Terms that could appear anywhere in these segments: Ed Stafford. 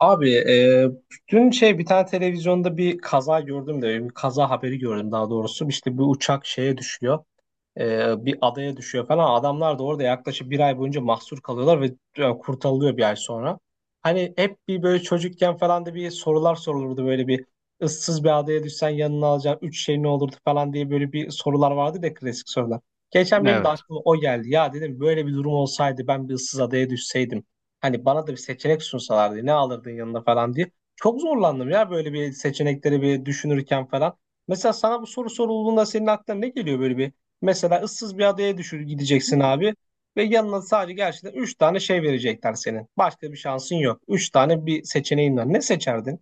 Abi, dün şey bir tane televizyonda bir kaza gördüm de bir kaza haberi gördüm daha doğrusu. İşte bu uçak şeye düşüyor. Bir adaya düşüyor falan. Adamlar da orada yaklaşık bir ay boyunca mahsur kalıyorlar ve kurtarılıyor bir ay sonra. Hani hep bir böyle çocukken falan da bir sorular sorulurdu, böyle bir ıssız bir adaya düşsen yanına alacağın üç şey ne olurdu falan diye, böyle bir sorular vardı da, klasik sorular. Geçen benim de Evet. aklıma o geldi. Ya dedim, böyle bir durum olsaydı, ben bir ıssız adaya düşseydim. Hani bana da bir seçenek sunsalardı, ne alırdın yanına falan diye. Çok zorlandım ya böyle bir seçenekleri bir düşünürken falan. Mesela sana bu soru sorulduğunda senin aklına ne geliyor, böyle bir. Mesela ıssız bir adaya düşür gideceksin abi, ve yanına sadece gerçekten 3 tane şey verecekler senin. Başka bir şansın yok. Üç tane bir seçeneğin var. Ne seçerdin?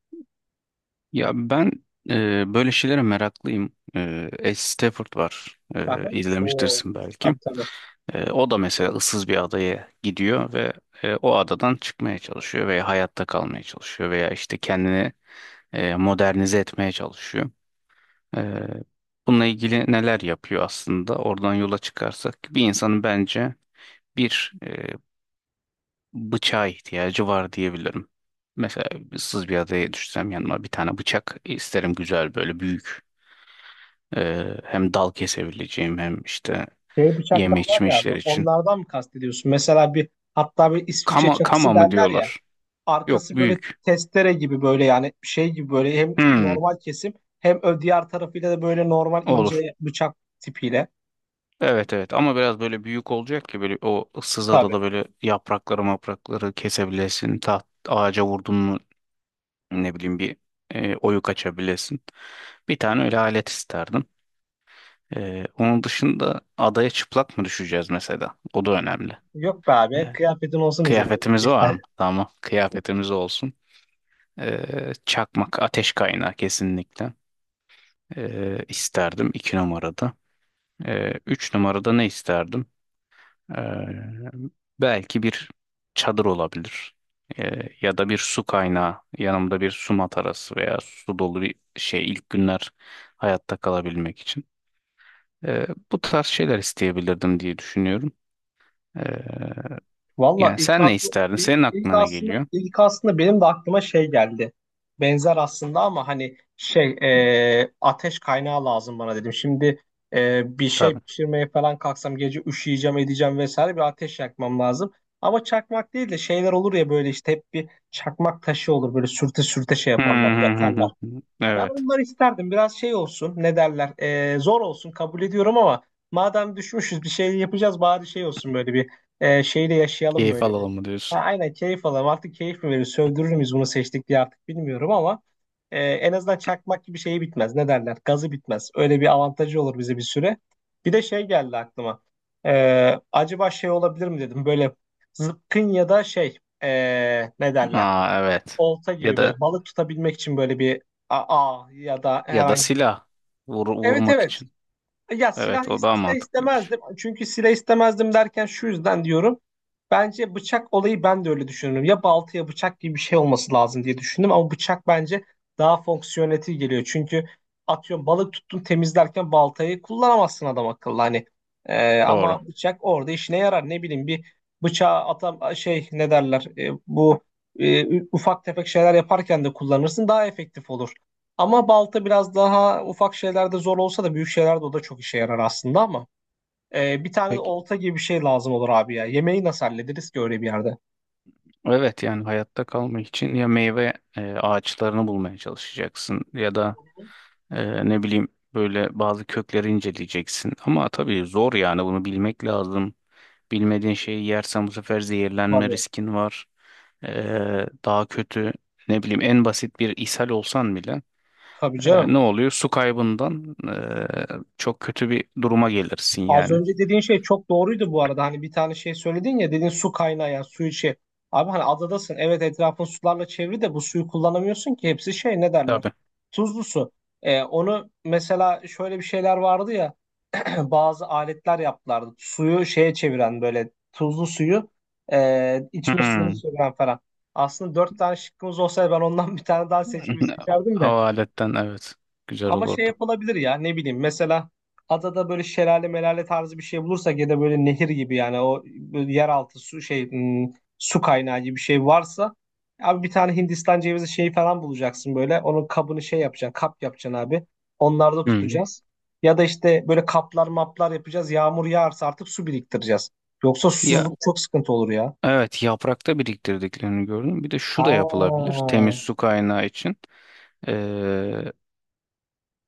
Ya ben böyle şeylere meraklıyım. Ed Stafford var. Aha. Oo. İzlemiştirsin belki. Tabii, tabii. O da mesela ıssız bir adaya gidiyor ve o adadan çıkmaya çalışıyor veya hayatta kalmaya çalışıyor veya işte kendini modernize etmeye çalışıyor. E, Bununla ilgili neler yapıyor aslında? Oradan yola çıkarsak bir insanın bence bir bıçağa ihtiyacı var diyebilirim. Mesela ıssız bir adaya düşsem yanıma bir tane bıçak isterim, güzel böyle büyük. Hem dal kesebileceğim hem işte Şey, bıçaklar yeme var içme ya abi, işleri için. onlardan mı kastediyorsun? Mesela bir, hatta bir İsviçre Kama, kama çakısı mı derler ya. diyorlar? Yok, Arkası böyle büyük. testere gibi, böyle yani şey gibi, böyle hem Hmm, normal kesim hem diğer tarafıyla da böyle normal olur. ince bıçak tipiyle. Evet, evet, ama biraz böyle büyük olacak ki böyle o ıssız Tabii. adada böyle yaprakları maprakları kesebilesin. Ağaca vurdun mu ne bileyim bir oyuk açabilesin. Bir tane öyle alet isterdim. Onun dışında adaya çıplak mı düşeceğiz mesela? O da önemli. Yok be Ee, abi, kıyafetin olsun üzerinde. Kıyafetimiz var mı? Tamam, kıyafetimiz olsun. Çakmak, ateş kaynağı kesinlikle. İsterdim iki numarada. Üç numarada ne isterdim? Ee, Belki bir çadır olabilir. Ya da bir su kaynağı. Yanımda bir su matarası veya su dolu bir şey ilk günler hayatta kalabilmek için. Ee, Bu tarz şeyler isteyebilirdim diye düşünüyorum. Ee, Valla Yani ilk, sen ne aklı- isterdin? ilk, Senin ilk aklına ne aslında geliyor? ilk aslında benim de aklıma şey geldi. Benzer aslında, ama hani şey, ateş kaynağı lazım bana dedim. Şimdi bir şey Tabii. pişirmeye falan kalksam, gece üşüyeceğim edeceğim vesaire, bir ateş yakmam lazım. Ama çakmak değil de, şeyler olur ya, böyle işte hep bir çakmak taşı olur, böyle sürte sürte şey Hı yaparlar, hı, hı yakarlar. hı, hı. Ben Evet. onları isterdim. Biraz şey olsun. Ne derler? Zor olsun. Kabul ediyorum ama, madem düşmüşüz bir şey yapacağız, bari şey olsun, böyle bir, şeyle yaşayalım Keyif böyle bir. alalım mı Ha, diyorsun? aynen, keyif alalım. Artık keyif mi verir, sövdürür müyüz bunu seçtik diye, artık bilmiyorum ama en azından çakmak gibi şeyi bitmez. Ne derler? Gazı bitmez. Öyle bir avantajı olur bize bir süre. Bir de şey geldi aklıma. Acaba şey olabilir mi dedim. Böyle zıpkın ya da şey, ne derler? Aa, evet. Olta Ya gibi, böyle da balık tutabilmek için böyle bir, a, a ya da ya da herhangi bir. silah. Evet, Vurmak evet. için. Ya silah, Evet, o daha mantıklıymış. istemezdim. Çünkü silah istemezdim derken şu yüzden diyorum. Bence bıçak olayı, ben de öyle düşünüyorum. Ya balta ya bıçak gibi bir şey olması lazım diye düşündüm. Ama bıçak bence daha fonksiyonel geliyor. Çünkü atıyorum, balık tuttun, temizlerken baltayı kullanamazsın adam akıllı. Hani. Doğru. Ama bıçak orada işine yarar. Ne bileyim, bir bıçağı atam şey ne derler, bu ufak tefek şeyler yaparken de kullanırsın, daha efektif olur. Ama balta biraz daha ufak şeylerde zor olsa da, büyük şeylerde o da çok işe yarar aslında, ama bir tane de Peki, olta gibi bir şey lazım olur abi ya. Yemeği nasıl hallederiz ki öyle bir yerde? evet, yani hayatta kalmak için ya meyve ağaçlarını bulmaya çalışacaksın ya da ne bileyim böyle bazı kökleri inceleyeceksin. Ama tabii zor, yani bunu bilmek lazım. Bilmediğin şeyi yersen bu sefer zehirlenme Tabii. riskin var. Daha kötü, ne bileyim en basit bir ishal olsan bile Tabii ne canım. oluyor? Su kaybından çok kötü bir duruma gelirsin Az yani. önce dediğin şey çok doğruydu bu arada. Hani bir tane şey söyledin ya, dedin su kaynağı, yani su içi. Abi hani adadasın. Evet, etrafın sularla çevri de bu suyu kullanamıyorsun ki. Hepsi şey ne derler? Tabii. Tuzlu su. E, onu mesela şöyle bir şeyler vardı ya. Bazı aletler yaptılardı. Suyu şeye çeviren, böyle tuzlu suyu içme suyunu Hmm. çeviren falan. Aslında dört tane şıkkımız olsaydı, ben ondan bir tane daha seçmeyi seçerdim de, Hava aletten, evet. Güzel ama şey olurdu. yapılabilir ya, ne bileyim, mesela adada böyle şelale melale tarzı bir şey bulursak, ya da böyle nehir gibi, yani o böyle yeraltı su şey, su kaynağı gibi bir şey varsa, abi bir tane Hindistan cevizi şeyi falan bulacaksın, böyle onun kabını şey yapacaksın, kap yapacaksın abi, onlarda Hmm. tutacağız, ya da işte böyle kaplar maplar yapacağız, yağmur yağarsa artık su biriktireceğiz, yoksa Ya, susuzluk çok sıkıntı olur ya. evet, yaprakta biriktirdiklerini gördüm. Bir de şu da Ha. yapılabilir temiz su kaynağı için. Ee,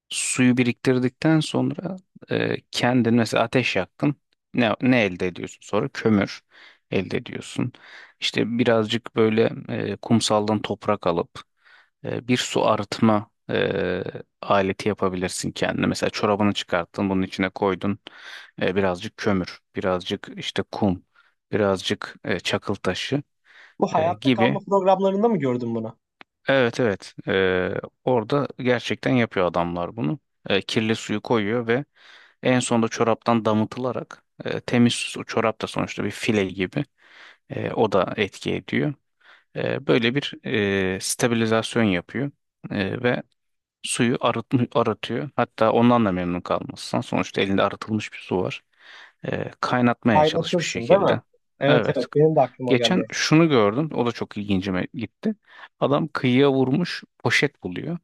Suyu biriktirdikten sonra kendin mesela ateş yaktın. Ne elde ediyorsun sonra? Kömür elde ediyorsun. İşte birazcık böyle kumsaldan toprak alıp bir su arıtma aleti yapabilirsin kendine. Mesela çorabını çıkarttın, bunun içine koydun. Birazcık kömür, birazcık işte kum, birazcık çakıl taşı Bu hayatta kalma gibi. programlarında mı gördün bunu? Evet, evet. Orada gerçekten yapıyor adamlar bunu. Kirli suyu koyuyor ve en sonunda çoraptan damıtılarak temiz su, çorap da sonuçta bir file gibi, o da etki ediyor. Böyle bir stabilizasyon yapıyor. Ve suyu arıtıyor. Hatta ondan da memnun kalmazsan, sonuçta elinde arıtılmış bir su var. Kaynatmaya çalış bir Kaynatırsın değil mi? şekilde. Evet, Evet. evet, benim de aklıma Geçen geldi. şunu gördüm. O da çok ilgincime gitti. Adam kıyıya vurmuş, poşet buluyor.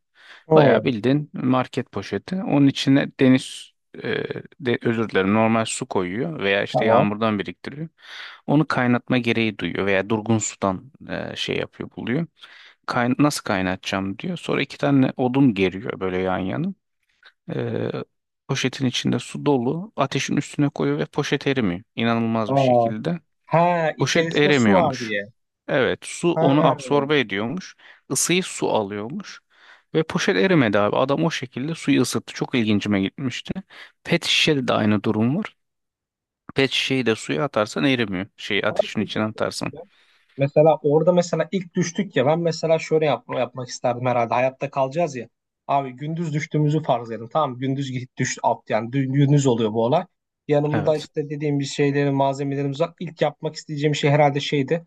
Bayağı Hı, bildiğin market poşeti. Onun içine deniz e, özür dilerim, normal su koyuyor veya işte tamam. yağmurdan biriktiriyor. Onu kaynatma gereği duyuyor veya durgun sudan şey yapıyor, buluyor, nasıl kaynatacağım diyor. Sonra iki tane odun geriyor böyle yan yana. Ee, Poşetin içinde su dolu. Ateşin üstüne koyuyor ve poşet erimiyor, İnanılmaz bir Aa, şekilde. ha, Poşet içerisinde su var eremiyormuş. diye. Evet, su onu Ha. absorbe ediyormuş. Isıyı su alıyormuş. Ve poşet erimedi abi. Adam o şekilde suyu ısıttı. Çok ilgincime gitmişti. Pet şişede de aynı durum var. Pet şişeyi de suya atarsan erimiyor. Şeyi Abi ateşin peki içine şey atarsan. diyeceğim. Mesela orada, mesela ilk düştük ya, ben mesela şöyle yapmak isterdim herhalde, hayatta kalacağız ya. Abi gündüz düştüğümüzü farz edin, tamam, gündüz git düş at, yani gündüz oluyor bu olay. Yanımda Evet. işte dediğim bir şeyleri, malzemelerimiz var. İlk yapmak isteyeceğim şey herhalde şeydi.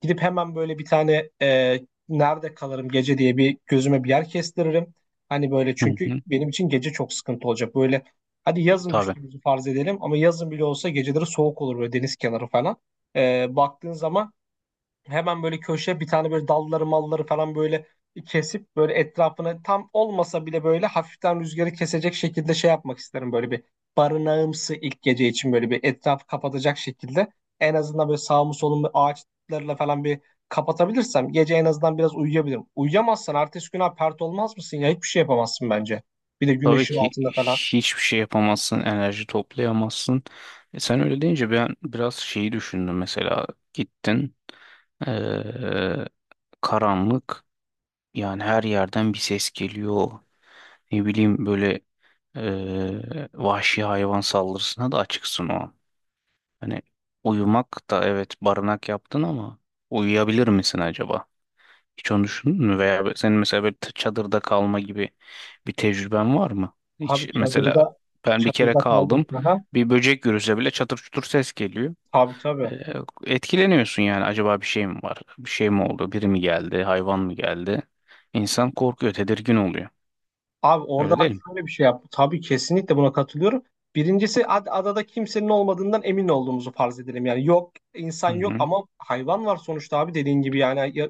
Gidip hemen böyle bir tane nerede kalırım gece diye, bir gözüme bir yer kestiririm. Hani böyle, Hı çünkü hı. benim için gece çok sıkıntı olacak. Böyle, hadi yazın Tabii. düştüğümüzü farz edelim, ama yazın bile olsa geceleri soğuk olur böyle, deniz kenarı falan. E, baktığın zaman, hemen böyle köşe bir tane, böyle dalları malları falan böyle kesip, böyle etrafını tam olmasa bile, böyle hafiften rüzgarı kesecek şekilde şey yapmak isterim, böyle bir barınağımsı, ilk gece için, böyle bir etrafı kapatacak şekilde, en azından böyle sağımı solumu ağaçlarla falan bir kapatabilirsem, gece en azından biraz uyuyabilirim. Uyuyamazsan ertesi gün abi pert olmaz mısın ya, hiçbir şey yapamazsın bence. Bir de Tabii güneşin ki altında falan. hiçbir şey yapamazsın, enerji toplayamazsın. Sen öyle deyince ben biraz şeyi düşündüm. Mesela gittin, eee, karanlık, yani her yerden bir ses geliyor. Ne bileyim böyle vahşi hayvan saldırısına da açıksın o an. Hani uyumak, da evet barınak yaptın ama uyuyabilir misin acaba? Hiç onu düşündün mü? Veya senin mesela böyle çadırda kalma gibi bir tecrüben var mı? Hiç Abi mesela, çadırda, ben bir kere kaldım. kaldım. Aha. Bir böcek görürse bile çatır çutur ses geliyor. Tabii, tabii. Ee, Etkileniyorsun yani. Acaba bir şey mi var? Bir şey mi oldu? Biri mi geldi? Hayvan mı geldi? İnsan korkuyor, tedirgin oluyor. Abi Öyle orada ben değil mi? şöyle bir şey yaptım. Tabii kesinlikle buna katılıyorum. Birincisi adada kimsenin olmadığından emin olduğumuzu farz edelim. Yani yok, insan Hı yok hı. ama hayvan var sonuçta abi, dediğin gibi yani ya,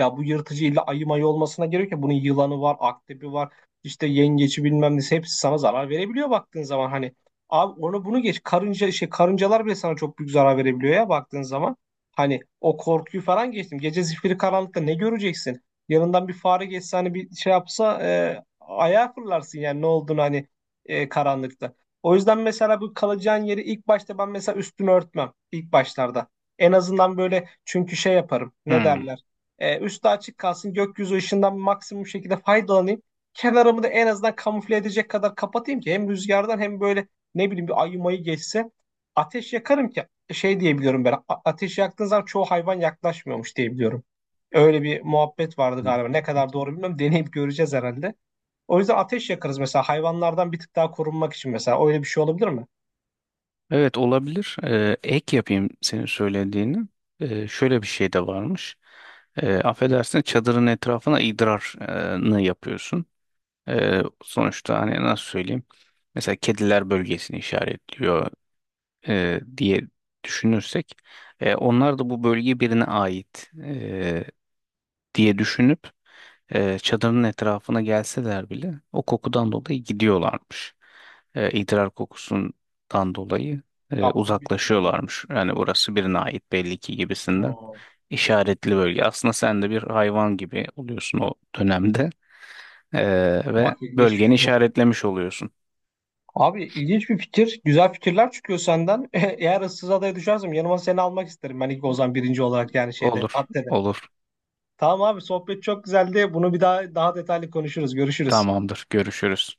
ya bu yırtıcı, illa ayı mayı olmasına gerek yok. Bunun yılanı var, akrebi var, işte yengeci, bilmem nesi, hepsi sana zarar verebiliyor baktığın zaman hani. Abi onu bunu geç, karınca şey, karıncalar bile sana çok büyük zarar verebiliyor ya baktığın zaman. Hani o korkuyu falan geçtim. Gece zifiri karanlıkta ne göreceksin? Yanından bir fare geçse, hani bir şey yapsa, ayağa fırlarsın, yani ne olduğunu hani, karanlıkta. O yüzden mesela bu kalacağın yeri ilk başta, ben mesela üstünü örtmem ilk başlarda. En azından böyle, çünkü şey yaparım, ne derler. E, üstü açık kalsın, gökyüzü ışığından maksimum şekilde faydalanayım. Kenarımı da en azından kamufle edecek kadar kapatayım ki, hem rüzgardan hem böyle, ne bileyim, bir ayı mayı geçse. Ateş yakarım ki şey diyebiliyorum ben. Ateş yaktığın zaman çoğu hayvan yaklaşmıyormuş diyebiliyorum. Öyle bir muhabbet vardı Hı. galiba. Ne kadar doğru bilmiyorum. Deneyip göreceğiz herhalde. O yüzden ateş yakarız mesela, hayvanlardan bir tık daha korunmak için mesela. Öyle bir şey olabilir mi? Evet, olabilir. Ek yapayım senin söylediğini. Şöyle bir şey de varmış. Affedersin, çadırın etrafına idrarını yapıyorsun. Sonuçta hani nasıl söyleyeyim? Mesela kediler bölgesini işaretliyor diye düşünürsek, onlar da bu bölge birine ait diye düşünüp çadırın etrafına gelseler bile o kokudan dolayı gidiyorlarmış. İdrar kokusundan dolayı Ya bunu bilmiyordum ben. uzaklaşıyorlarmış. Yani burası birine ait belli ki, gibisinden Oo, işaretli bölge. Aslında sen de bir hayvan gibi oluyorsun o dönemde, ve bak ilginç. bölgeni işaretlemiş oluyorsun. Abi ilginç bir fikir. Güzel fikirler çıkıyor senden. Eğer ıssız adaya düşersem, yanıma seni almak isterim. Ben ilk o, birinci olarak, yani şeyde, Olur, maddede. olur. Tamam abi, sohbet çok güzeldi. Bunu bir daha, daha detaylı konuşuruz. Görüşürüz. Tamamdır. Görüşürüz.